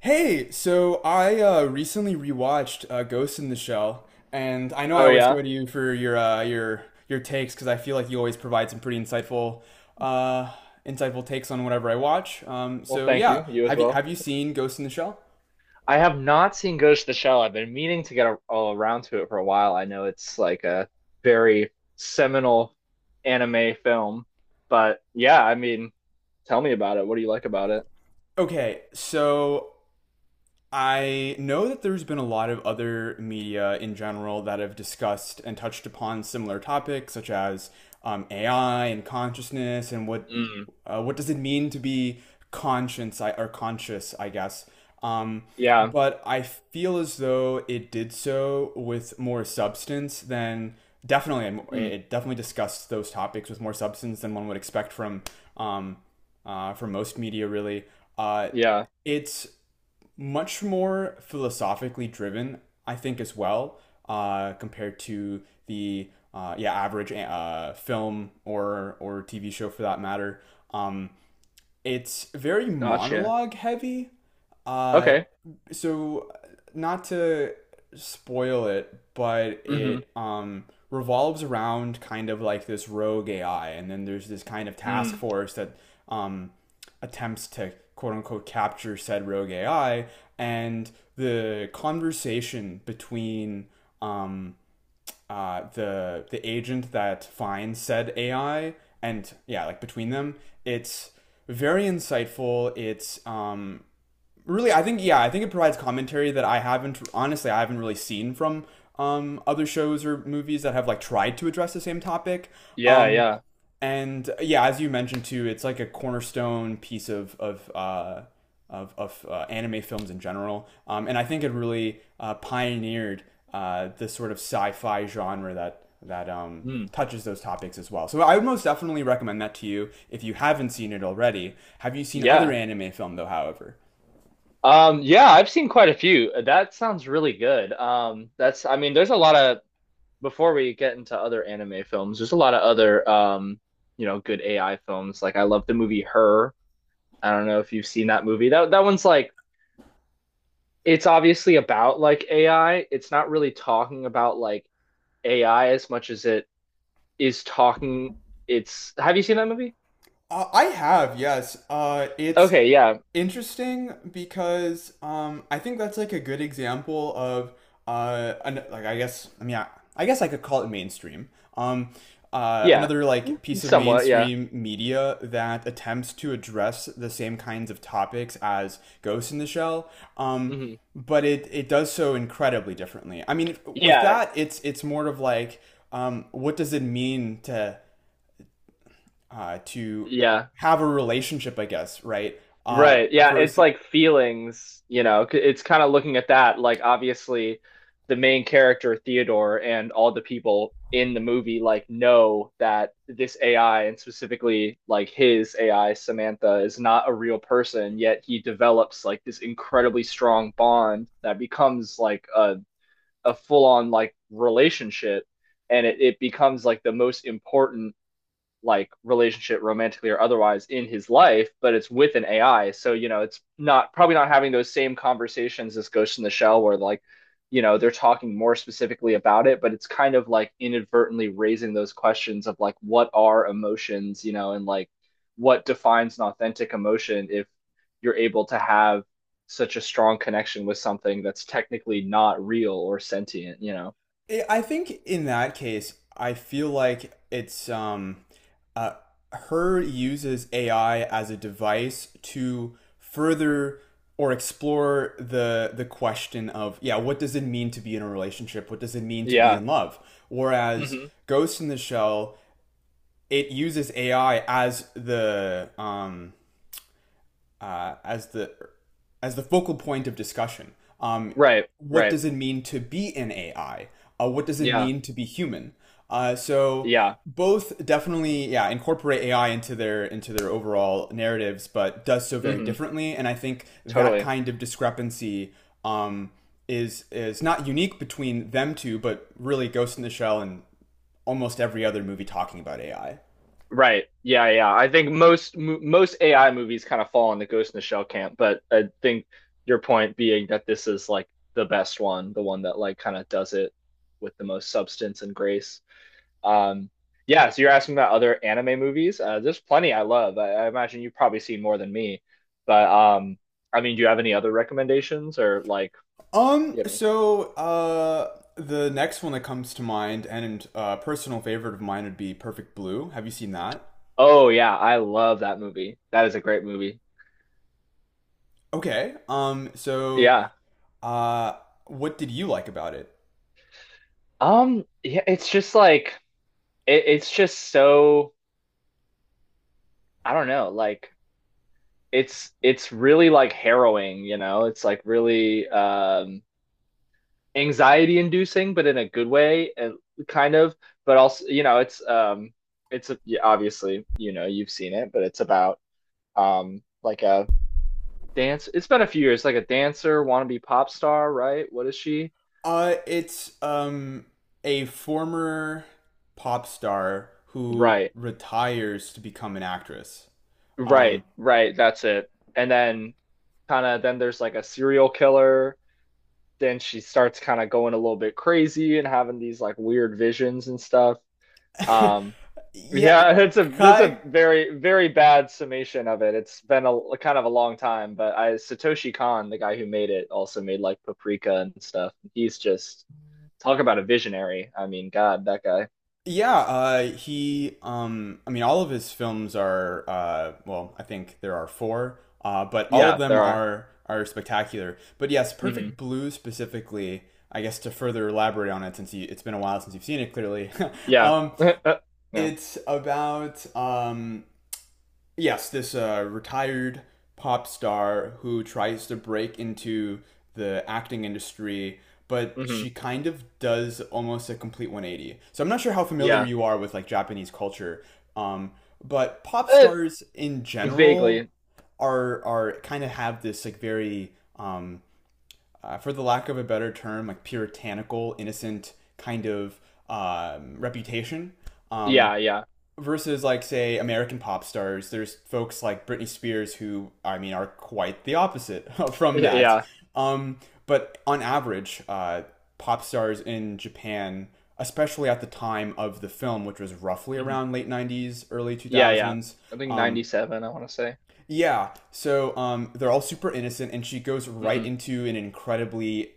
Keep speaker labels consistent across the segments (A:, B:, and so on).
A: Hey, so I recently rewatched Ghost in the Shell, and I know I
B: Oh
A: always go
B: yeah.
A: to you for your takes because I feel like you always provide some pretty uh, insightful takes on whatever I watch. Um,
B: Well,
A: so
B: thank
A: yeah,
B: you. You as
A: have you
B: well.
A: have you seen Ghost in the Shell?
B: I have not seen Ghost of the Shell. I've been meaning to get all around to it for a while. I know it's like a very seminal anime film, but yeah, I mean, tell me about it. What do you like about it?
A: Okay, so I know that there's been a lot of other media in general that have discussed and touched upon similar topics, such as AI and consciousness, and
B: Mm,
A: what does it mean to be conscience I- or conscious, I guess. Um,
B: yeah.
A: but I feel as though it did so with more substance than
B: Mm,
A: definitely discussed those topics with more substance than one would expect um, from most media, really. Uh,
B: yeah.
A: it's much more philosophically driven, I think, as well, compared to the average film or TV show for that matter. Um, it's very
B: Gotcha.
A: monologue heavy. Uh,
B: Okay.
A: so not to spoil it, but
B: Hmm.
A: it revolves around kind of like this rogue AI, and then there's this kind of task
B: Mm,
A: force that um attempts to quote unquote capture said rogue AI, and the conversation between um the agent that finds said AI, and yeah, like between them, it's very insightful. It's really, I think it provides commentary that I haven't honestly I haven't really seen from other shows or movies that have like tried to address the same topic.
B: yeah,
A: Um,
B: yeah.
A: and yeah, as you mentioned too, it's like a cornerstone piece of anime films in general. And I think it really pioneered this sort of sci-fi genre that
B: Mm,
A: touches those topics as well. So I would most definitely recommend that to you if you haven't seen it already. Have you seen other
B: yeah.
A: anime film though? However.
B: Yeah, I've seen quite a few. That sounds really good. That's, I mean, there's a lot of before we get into other anime films, there's a lot of other good AI films. Like I love the movie Her. I don't know if you've seen that movie. That one's like it's obviously about like AI. It's not really talking about like AI as much as it is talking it's have you seen that movie?
A: I have, yes. It's
B: Okay, yeah.
A: interesting because I think that's like a good example of an, like I guess I mean I guess I could call it mainstream. Um,
B: Yeah.
A: Another like piece of
B: Somewhat, yeah.
A: mainstream media that attempts to address the same kinds of topics as Ghost in the Shell. Um,
B: Hmm.
A: but it does so incredibly differently. I mean, with
B: Yeah.
A: that, it's more of like, what does it mean to
B: Yeah.
A: have a relationship, I guess, right? Uh,
B: Right. Yeah, it's
A: versus,
B: like feelings, you know, it's kind of looking at that, like, obviously the main character Theodore and all the people in the movie like know that this AI, and specifically like his AI Samantha, is not a real person, yet he develops like this incredibly strong bond that becomes like a full-on like relationship, and it becomes like the most important like relationship romantically or otherwise in his life, but it's with an ai, so you know it's not probably not having those same conversations as Ghost in the Shell, where like you know they're talking more specifically about it, but it's kind of like inadvertently raising those questions of like what are emotions, you know, and like what defines an authentic emotion if you're able to have such a strong connection with something that's technically not real or sentient, you know?
A: I think in that case, I feel like it's uh, her uses AI as a device to further or explore the question of yeah, what does it mean to be in a relationship? What does it mean to be
B: Yeah.
A: in love? Whereas
B: Hmm.
A: Ghost in the Shell, it uses AI as the as the as the focal point of discussion. Um,
B: Right,
A: what
B: right.
A: does it mean to be in AI? What does it
B: Yeah,
A: mean to be human? So
B: yeah.
A: both definitely yeah incorporate AI into their overall narratives, but does so very
B: Hmm.
A: differently. And I think that
B: Totally.
A: kind of discrepancy um, is not unique between them two, but really Ghost in the Shell and almost every other movie talking about AI.
B: Right. Yeah, yeah. I think most AI movies kind of fall in the Ghost in the Shell camp, but I think your point being that this is like the best one, the one that like kind of does it with the most substance and grace. Um, yeah, so you're asking about other anime movies. There's plenty I love. I imagine you've probably seen more than me. But I mean, do you have any other recommendations or like,
A: Um,
B: you know?
A: so uh the next one that comes to mind and a personal favorite of mine would be Perfect Blue. Have you seen that?
B: Oh yeah, I love that movie. That is a great movie.
A: Okay. So
B: Yeah.
A: uh what did you like about it?
B: Yeah, it's just like it's just so I don't know, like it's really like harrowing, you know. It's like really anxiety inducing, but in a good way, and kind of. But also, you know, it's a, yeah, obviously, you know, you've seen it, but it's about like a dance. It's been a few years, like a dancer, wannabe pop star, right? What is she?
A: It's a former pop star who
B: Right,
A: retires to become an actress.
B: right,
A: Um
B: right. That's it. And then kind of then there's like a serial killer, then she starts kind of going a little bit crazy and having these like weird visions and stuff. Um,
A: yeah,
B: yeah, it's a that's
A: ki-
B: a very very bad summation of it. It's been a kind of a long time, but I Satoshi Kon, the guy who made it, also made like Paprika and stuff. He's just talk about a visionary. I mean, God, that guy.
A: Yeah, he. I mean, all of his films are. Well, I think there are four, but all of
B: Yeah,
A: them
B: there are.
A: are spectacular. But yes,
B: Mm-hmm.
A: Perfect Blue specifically. I guess to further elaborate on it, since you, it's been a while since you've seen it, clearly,
B: Yeah,
A: um,
B: yeah.
A: it's about yes, this retired pop star who tries to break into the acting industry, but
B: Mm-hmm.
A: she kind of does almost a complete 180. So I'm not sure how familiar
B: Yeah,
A: you are with like Japanese culture, um, but pop
B: Eh,
A: stars in general
B: vaguely.
A: are kind of have this like very um, for the lack of a better term like puritanical, innocent kind of reputation. Um,
B: Yeah, yeah,
A: versus like say American pop stars, there's folks like Britney Spears who I mean are quite the opposite from that.
B: yeah.
A: Um, but on average, pop stars in Japan, especially at the time of the film, which was roughly
B: Mm-hmm.
A: around late '90s, early
B: Yeah, yeah.
A: 2000s.
B: I think
A: Um,
B: ninety seven. I want to say.
A: yeah, so they're all super innocent, and she goes right
B: Mm-hmm.
A: into an incredibly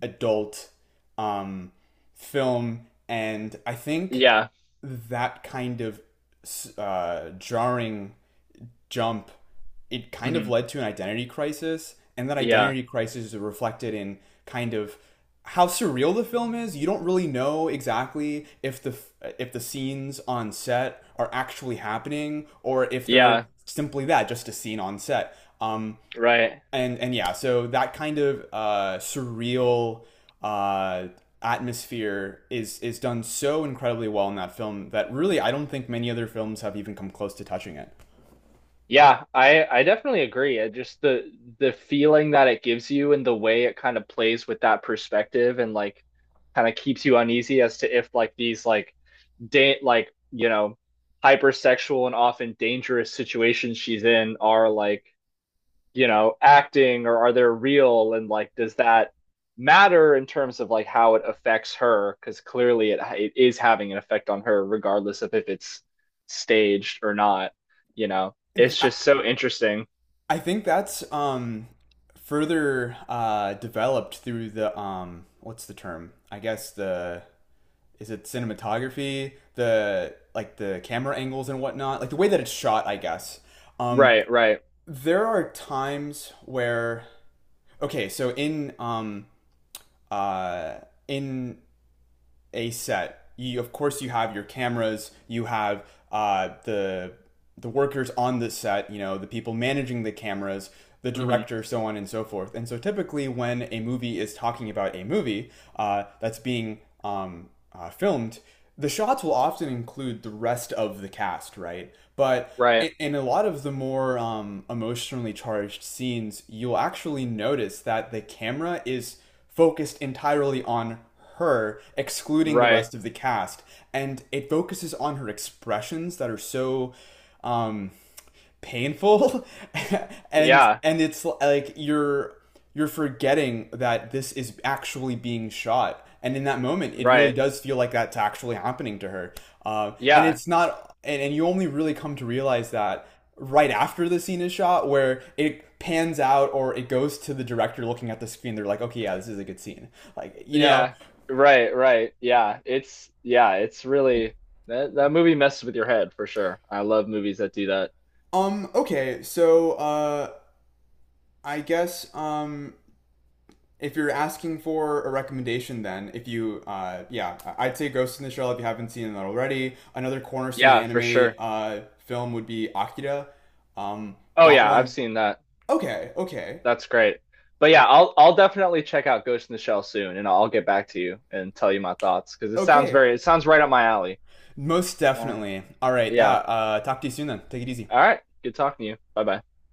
A: adult um, film, and I think
B: Yeah.
A: that kind of jarring jump, it kind of
B: Hmm.
A: led to an identity crisis, and that
B: Yeah.
A: identity crisis is reflected in kind of how surreal the film is. You don't really know exactly if the scenes on set are actually happening or if they're
B: Yeah.
A: simply that, just a scene on set. Um,
B: Right.
A: and yeah, so that kind of surreal uh, atmosphere is done so incredibly well in that film that really I don't think many other films have even come close to touching it.
B: Yeah, I definitely agree. Just the feeling that it gives you and the way it kind of plays with that perspective and like kind of keeps you uneasy as to if like these like date like, you know, hypersexual and often dangerous situations she's in are like you know, acting, or are they real? And like, does that matter in terms of like how it affects her? Because clearly it is having an effect on her, regardless of if it's staged or not. You know, it's
A: I-
B: just so interesting.
A: I think that's further developed through the what's the term? I guess the is it cinematography, the like the camera angles and whatnot, like the way that it's shot. I guess um,
B: Right, right.
A: there are times where okay, so in uh, in a set. You, of course, you have your cameras, you have uh, the the workers on the set, you know, the people managing the cameras, the
B: Hmm.
A: director, so on and so forth. And so, typically, when a movie is talking about a movie that's being filmed, the shots will often include the rest of the cast, right? But
B: Right,
A: in a lot of the more emotionally charged scenes, you'll actually notice that the camera is focused entirely on her, excluding the
B: right.
A: rest of the cast. And it focuses on her expressions that are so um, painful,
B: Yeah,
A: and it's like you're forgetting that this is actually being shot. And in that moment, it really
B: right.
A: does feel like that's actually happening to her. And
B: Yeah,
A: it's not, and you only really come to realize that right after the scene is shot where it pans out or it goes to the director looking at the screen, they're like, okay, yeah, this is a good scene, like, you know.
B: yeah. Right, right. Yeah, it's really that that movie messes with your head for sure. I love movies that do that.
A: Okay, so I guess um, if you're asking for a recommendation then, if you would say Ghost in the Shell if you haven't seen it already. Another cornerstone
B: Yeah, for
A: anime
B: sure.
A: film would be Akira. Um
B: Oh
A: that
B: yeah, I've
A: one
B: seen that.
A: okay, okay.
B: That's great. But yeah, I'll definitely check out Ghost in the Shell soon, and I'll get back to you and tell you my thoughts because it sounds
A: Okay.
B: very it sounds right up my alley.
A: Most
B: Uh,
A: definitely. All right. Yeah,
B: Yeah.
A: talk to you soon then. Take it easy.
B: All right. Good talking to you. Bye bye.